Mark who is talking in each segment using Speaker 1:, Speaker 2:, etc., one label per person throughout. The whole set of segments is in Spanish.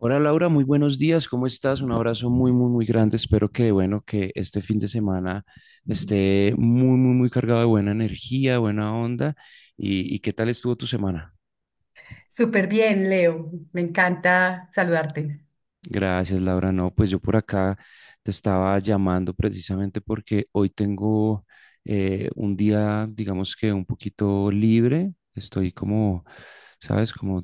Speaker 1: Hola Laura, muy buenos días, ¿cómo estás? Un abrazo muy, muy, muy grande. Espero que, bueno, que este fin de semana esté muy, muy, muy cargado de buena energía, buena onda. ¿Y qué tal estuvo tu semana?
Speaker 2: Súper bien, Leo. Me encanta saludarte.
Speaker 1: Gracias, Laura. No, pues yo por acá te estaba llamando precisamente porque hoy tengo un día, digamos que un poquito libre. Estoy como, sabes, como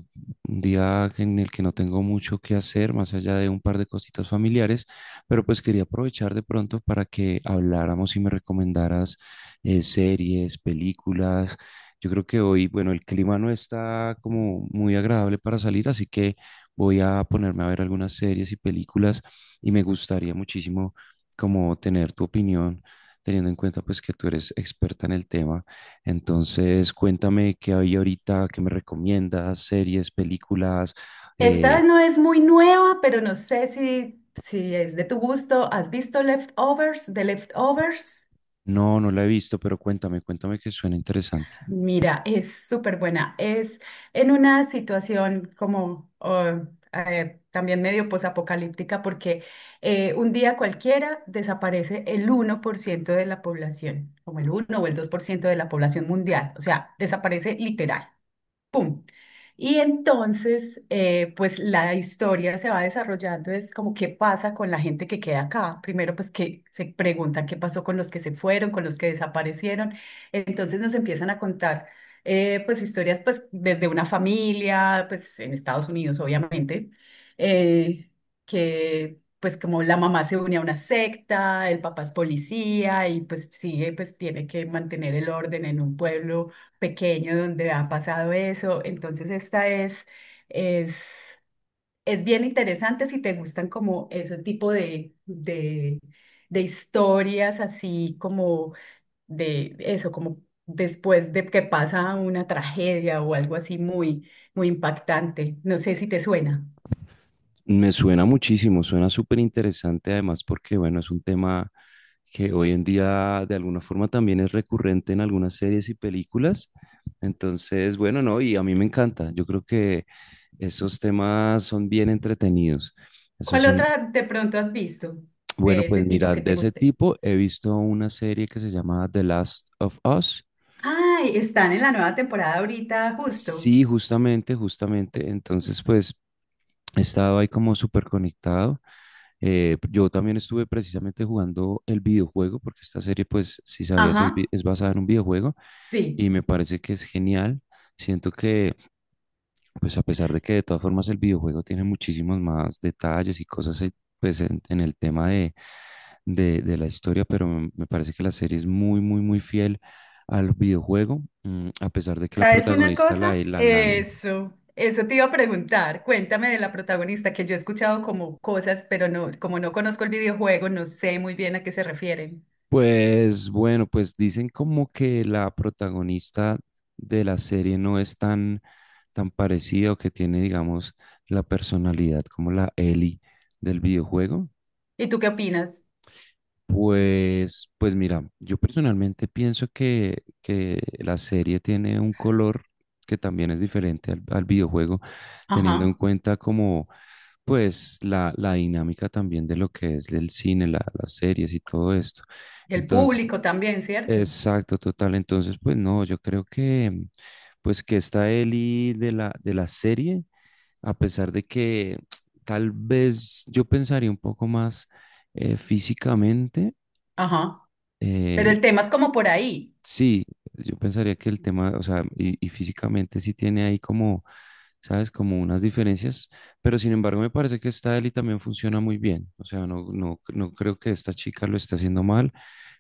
Speaker 1: un día en el que no tengo mucho que hacer, más allá de un par de cositas familiares, pero pues quería aprovechar de pronto para que habláramos y me recomendaras series, películas. Yo creo que hoy, bueno, el clima no está como muy agradable para salir, así que voy a ponerme a ver algunas series y películas y me gustaría muchísimo como tener tu opinión, teniendo en cuenta pues que tú eres experta en el tema. Entonces, cuéntame qué hay ahorita, qué me recomiendas, series, películas. Eh,
Speaker 2: Esta no es muy nueva, pero no sé si es de tu gusto. ¿Has visto Leftovers, de Leftovers?
Speaker 1: no, no la he visto, pero cuéntame, cuéntame que suena interesante.
Speaker 2: Mira, es súper buena. Es en una situación como también medio posapocalíptica porque un día cualquiera desaparece el 1% de la población, como el uno o el 2% de la población mundial. O sea, desaparece literal. ¡Pum! Y entonces, pues la historia se va desarrollando, es como qué pasa con la gente que queda acá. Primero, pues que se preguntan qué pasó con los que se fueron, con los que desaparecieron. Entonces nos empiezan a contar, pues historias, pues desde una familia, pues en Estados Unidos, obviamente, eh, que pues como la mamá se une a una secta, el papá es policía y pues sigue, pues tiene que mantener el orden en un pueblo pequeño donde ha pasado eso. Entonces, es, es bien interesante si te gustan como ese tipo de historias, así como de eso, como después de que pasa una tragedia o algo así muy, muy impactante. No sé si te suena.
Speaker 1: Me suena muchísimo, suena súper interesante además porque, bueno, es un tema que hoy en día de alguna forma también es recurrente en algunas series y películas. Entonces, bueno, no, y a mí me encanta. Yo creo que esos temas son bien entretenidos. Esos
Speaker 2: ¿Cuál
Speaker 1: son,
Speaker 2: otra de pronto has visto
Speaker 1: bueno,
Speaker 2: de este
Speaker 1: pues
Speaker 2: tipo
Speaker 1: mira,
Speaker 2: que
Speaker 1: de
Speaker 2: te
Speaker 1: ese
Speaker 2: guste?
Speaker 1: tipo he visto una serie que se llama The Last of Us.
Speaker 2: Ay, están en la nueva temporada ahorita, justo.
Speaker 1: Sí, justamente, justamente. Entonces, pues he estado ahí como súper conectado. Yo también estuve precisamente jugando el videojuego, porque esta serie, pues, si sabías,
Speaker 2: Ajá,
Speaker 1: es basada en un videojuego
Speaker 2: sí.
Speaker 1: y me parece que es genial. Siento que, pues, a pesar de que de todas formas el videojuego tiene muchísimos más detalles y cosas, pues, en el tema de la historia, pero me parece que la serie es muy, muy, muy fiel al videojuego, a pesar de que la
Speaker 2: ¿Sabes una
Speaker 1: protagonista, la,
Speaker 2: cosa?
Speaker 1: la, la,
Speaker 2: Eso te iba a preguntar. Cuéntame de la protagonista, que yo he escuchado como cosas, pero no, como no conozco el videojuego, no sé muy bien a qué se refieren.
Speaker 1: Pues bueno, pues dicen como que la protagonista de la serie no es tan, tan parecida o que tiene, digamos, la personalidad como la Ellie del videojuego.
Speaker 2: ¿Y tú qué opinas?
Speaker 1: Pues, pues mira, yo personalmente pienso que la serie tiene un color que también es diferente al videojuego, teniendo en
Speaker 2: Ajá.
Speaker 1: cuenta como pues la dinámica también de lo que es el cine, las series y todo esto.
Speaker 2: El
Speaker 1: Entonces,
Speaker 2: público también, ¿cierto?
Speaker 1: exacto, total. Entonces, pues no, yo creo que pues que esta Eli de la serie, a pesar de que tal vez yo pensaría un poco más físicamente,
Speaker 2: Ajá. Pero
Speaker 1: eh,
Speaker 2: el tema es como por ahí.
Speaker 1: sí, yo pensaría que el tema, o sea, y físicamente sí tiene ahí como, ¿sabes? Como unas diferencias, pero sin embargo me parece que esta Eli también funciona muy bien, o sea, no, no, no creo que esta chica lo esté haciendo mal,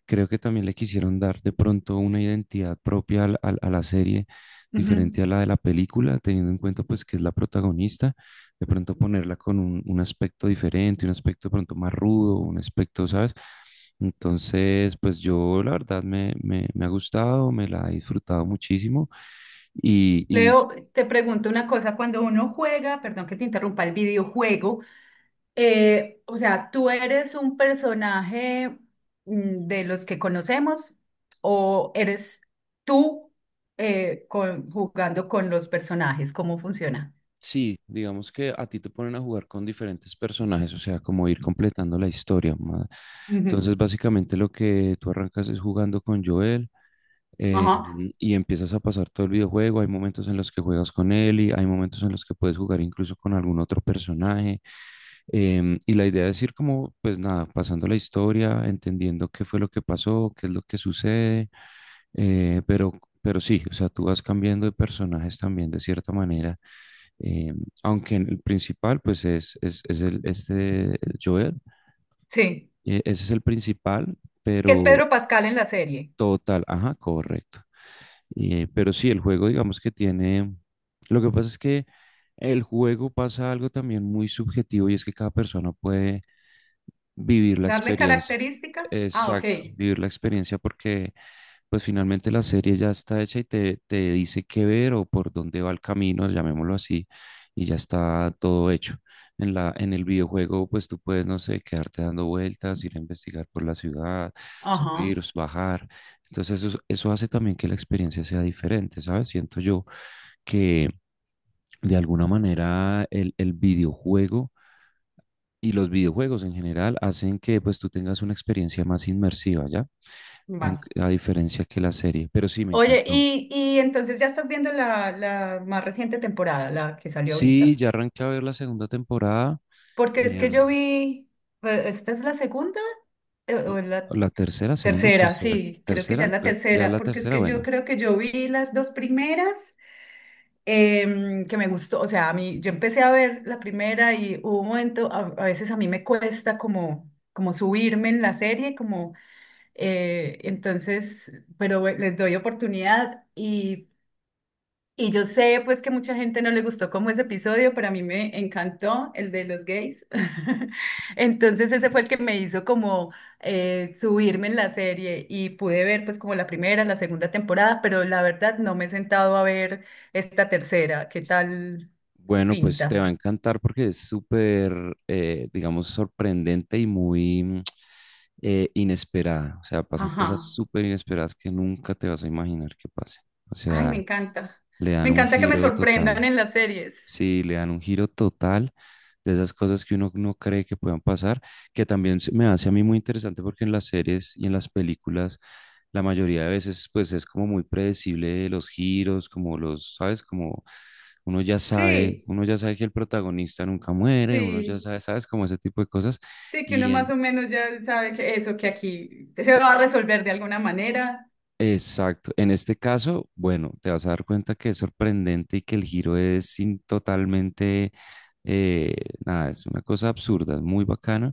Speaker 1: creo que también le quisieron dar de pronto una identidad propia a la serie,
Speaker 2: Ujú.
Speaker 1: diferente a la de la película, teniendo en cuenta pues que es la protagonista de pronto ponerla con un aspecto diferente, un aspecto de pronto más rudo, un aspecto, ¿sabes? Entonces, pues yo la verdad me ha gustado, me la he disfrutado muchísimo y, y
Speaker 2: Leo, te pregunto una cosa. Cuando uno juega, perdón que te interrumpa, el videojuego. O sea, ¿tú eres un personaje de los que conocemos o eres tú jugando con los personajes? ¿Cómo funciona?
Speaker 1: Sí, digamos que a ti te ponen a jugar con diferentes personajes, o sea, como ir completando la historia.
Speaker 2: Ujú.
Speaker 1: Entonces, básicamente lo que tú arrancas es jugando con Joel eh,
Speaker 2: Ajá,
Speaker 1: y empiezas a pasar todo el videojuego. Hay momentos en los que juegas con él y hay momentos en los que puedes jugar incluso con algún otro personaje. Y la idea es ir como, pues nada, pasando la historia, entendiendo qué fue lo que pasó, qué es lo que sucede, eh, pero, pero sí, o sea, tú vas cambiando de personajes también de cierta manera eh, aunque el principal, pues es este el Joel,
Speaker 2: sí.
Speaker 1: ese es el principal,
Speaker 2: ¿Qué es
Speaker 1: pero
Speaker 2: Pedro Pascal en la serie?
Speaker 1: total, ajá, correcto. Pero sí, el juego, digamos que tiene, lo que pasa es que el juego pasa algo también muy subjetivo y es que cada persona puede vivir la
Speaker 2: ¿Darle
Speaker 1: experiencia.
Speaker 2: características? Ah, ok.
Speaker 1: Exacto, vivir la experiencia porque pues finalmente la serie ya está hecha y te dice qué ver o por dónde va el camino, llamémoslo así, y ya está todo hecho. En el videojuego, pues tú puedes, no sé, quedarte dando vueltas, ir a investigar por la ciudad, subir,
Speaker 2: Ajá,
Speaker 1: bajar. Entonces eso hace también que la experiencia sea diferente, ¿sabes? Siento yo que de alguna manera el videojuego y los videojuegos en general hacen que pues tú tengas una experiencia más inmersiva, ¿ya? En-
Speaker 2: vale.
Speaker 1: a diferencia que la serie. Pero sí, me
Speaker 2: Oye,
Speaker 1: encantó.
Speaker 2: y entonces ya estás viendo la más reciente temporada, la que salió
Speaker 1: Sí,
Speaker 2: ahorita.
Speaker 1: ya arranqué a ver la segunda temporada,
Speaker 2: Porque es que
Speaker 1: em,
Speaker 2: yo vi, pues, ¿esta es la segunda? O es
Speaker 1: o
Speaker 2: la
Speaker 1: la tercera, segunda o
Speaker 2: tercera,
Speaker 1: tercera,
Speaker 2: sí, creo que ya es la
Speaker 1: ya
Speaker 2: tercera,
Speaker 1: la
Speaker 2: porque es
Speaker 1: tercera,
Speaker 2: que yo
Speaker 1: bueno.
Speaker 2: creo que yo vi las dos primeras, que me gustó, o sea, a mí, yo empecé a ver la primera y hubo un momento, a veces a mí me cuesta como, como subirme en la serie, como, eh, entonces, pero bueno, les doy oportunidad y yo sé pues que mucha gente no le gustó como ese episodio, pero a mí me encantó el de los gays. Entonces ese fue el que me hizo como subirme en la serie y pude ver pues como la primera, la segunda temporada, pero la verdad no me he sentado a ver esta tercera. ¿Qué tal
Speaker 1: Bueno, pues te va
Speaker 2: pinta?
Speaker 1: a encantar porque es súper, digamos, sorprendente y muy inesperada. O sea, pasan cosas
Speaker 2: Ajá.
Speaker 1: súper inesperadas que nunca te vas a imaginar que pasen. O
Speaker 2: Ay, me
Speaker 1: sea,
Speaker 2: encanta.
Speaker 1: le
Speaker 2: Me
Speaker 1: dan un
Speaker 2: encanta que me
Speaker 1: giro
Speaker 2: sorprendan
Speaker 1: total.
Speaker 2: en las series.
Speaker 1: Sí, le dan un giro total de esas cosas que uno no cree que puedan pasar, que también me hace a mí muy interesante porque en las series y en las películas la mayoría de veces pues es como muy predecible los giros, como los, ¿sabes? Como
Speaker 2: Sí,
Speaker 1: uno ya sabe que el protagonista nunca muere, uno ya
Speaker 2: sí.
Speaker 1: sabe, ¿sabes? Como ese tipo de cosas.
Speaker 2: Sí, que uno
Speaker 1: Y en,
Speaker 2: más o menos ya sabe que eso, que aquí se va a resolver de alguna manera.
Speaker 1: exacto, en este caso, bueno, te vas a dar cuenta que es sorprendente y que el giro es sin, totalmente... eh, nada, es una cosa absurda, es muy bacana.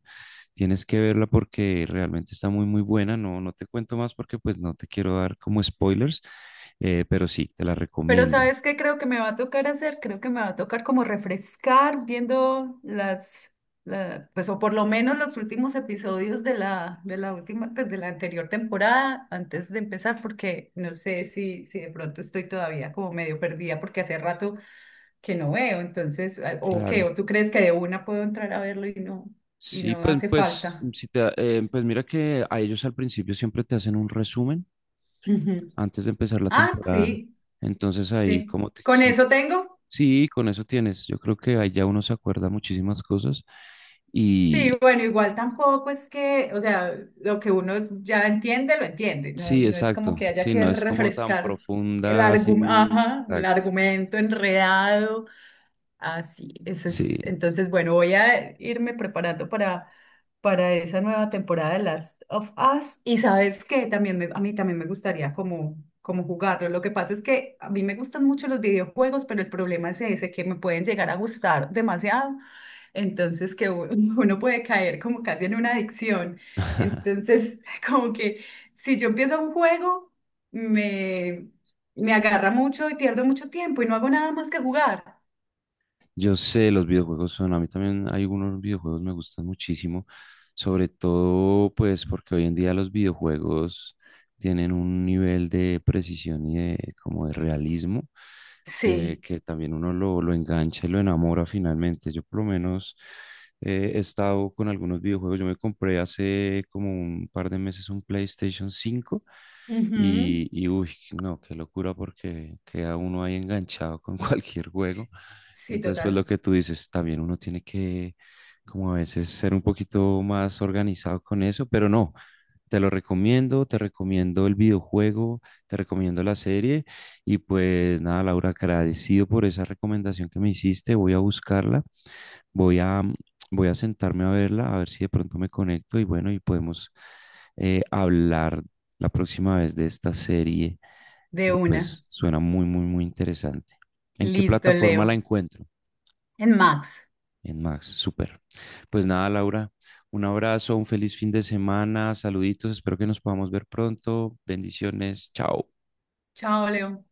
Speaker 1: Tienes que verla porque realmente está muy buena. No, no te cuento más porque pues no te quiero dar como spoilers, pero sí, te la
Speaker 2: Pero
Speaker 1: recomiendo.
Speaker 2: ¿sabes qué creo que me va a tocar hacer? Creo que me va a tocar como refrescar viendo pues o por lo menos los últimos episodios de de la última, pues, de la anterior temporada antes de empezar, porque no sé si de pronto estoy todavía como medio perdida porque hace rato que no veo, entonces, ah, o qué,
Speaker 1: Claro.
Speaker 2: o tú crees que de una puedo entrar a verlo y
Speaker 1: Sí,
Speaker 2: no hace falta.
Speaker 1: si pues mira que a ellos al principio siempre te hacen un resumen
Speaker 2: Ujú.
Speaker 1: antes de empezar la
Speaker 2: Ah,
Speaker 1: temporada.
Speaker 2: sí,
Speaker 1: Entonces ahí
Speaker 2: sí.
Speaker 1: como te...
Speaker 2: Con
Speaker 1: Sí,
Speaker 2: eso tengo.
Speaker 1: sí, con eso tienes. Yo creo que ahí ya uno se acuerda muchísimas cosas. Y
Speaker 2: Sí, bueno, igual tampoco es que, o sea, lo que uno ya entiende, lo entiende. No,
Speaker 1: sí,
Speaker 2: no es como
Speaker 1: exacto.
Speaker 2: que haya
Speaker 1: Sí,
Speaker 2: que
Speaker 1: no es como tan
Speaker 2: refrescar el,
Speaker 1: profunda así.
Speaker 2: ajá, el
Speaker 1: Exacto.
Speaker 2: argumento enredado. Así, sí, eso es.
Speaker 1: Sí.
Speaker 2: Entonces, bueno, voy a irme preparando para esa nueva temporada de Last of Us. Y sabes que también a mí también me gustaría como, como jugarlo. Lo que pasa es que a mí me gustan mucho los videojuegos, pero el problema es ese, que me pueden llegar a gustar demasiado. Entonces, que uno puede caer como casi en una adicción. Entonces, como que si yo empiezo un juego, me, me agarra mucho y pierdo mucho tiempo y no hago nada más que jugar.
Speaker 1: Yo sé, los videojuegos son, a mí también hay algunos videojuegos me gustan muchísimo, sobre todo pues porque hoy en día los videojuegos tienen un nivel de precisión y de como de realismo
Speaker 2: Sí,
Speaker 1: que también uno lo engancha y lo enamora finalmente. Yo por lo menos he estado con algunos videojuegos, yo me compré hace como un par de meses un PlayStation 5
Speaker 2: ujú.
Speaker 1: , y uy, no, qué locura porque queda uno ahí enganchado con cualquier juego.
Speaker 2: Sí,
Speaker 1: Entonces, pues lo
Speaker 2: total.
Speaker 1: que tú dices, también uno tiene que, como a veces, ser un poquito más organizado con eso, pero no, te lo recomiendo, te recomiendo el videojuego, te recomiendo la serie. Y pues nada, Laura, agradecido por esa recomendación que me hiciste, voy a buscarla. Voy a, voy a sentarme a verla, a ver si de pronto me conecto y bueno, y podemos hablar la próxima vez de esta serie
Speaker 2: De
Speaker 1: que
Speaker 2: una.
Speaker 1: pues suena muy, muy, muy interesante. ¿En qué
Speaker 2: Listo,
Speaker 1: plataforma la
Speaker 2: Leo.
Speaker 1: encuentro?
Speaker 2: En Max.
Speaker 1: En Max, súper. Pues nada, Laura, un abrazo, un feliz fin de semana, saluditos, espero que nos podamos ver pronto. Bendiciones, chao.
Speaker 2: Chao, Leo.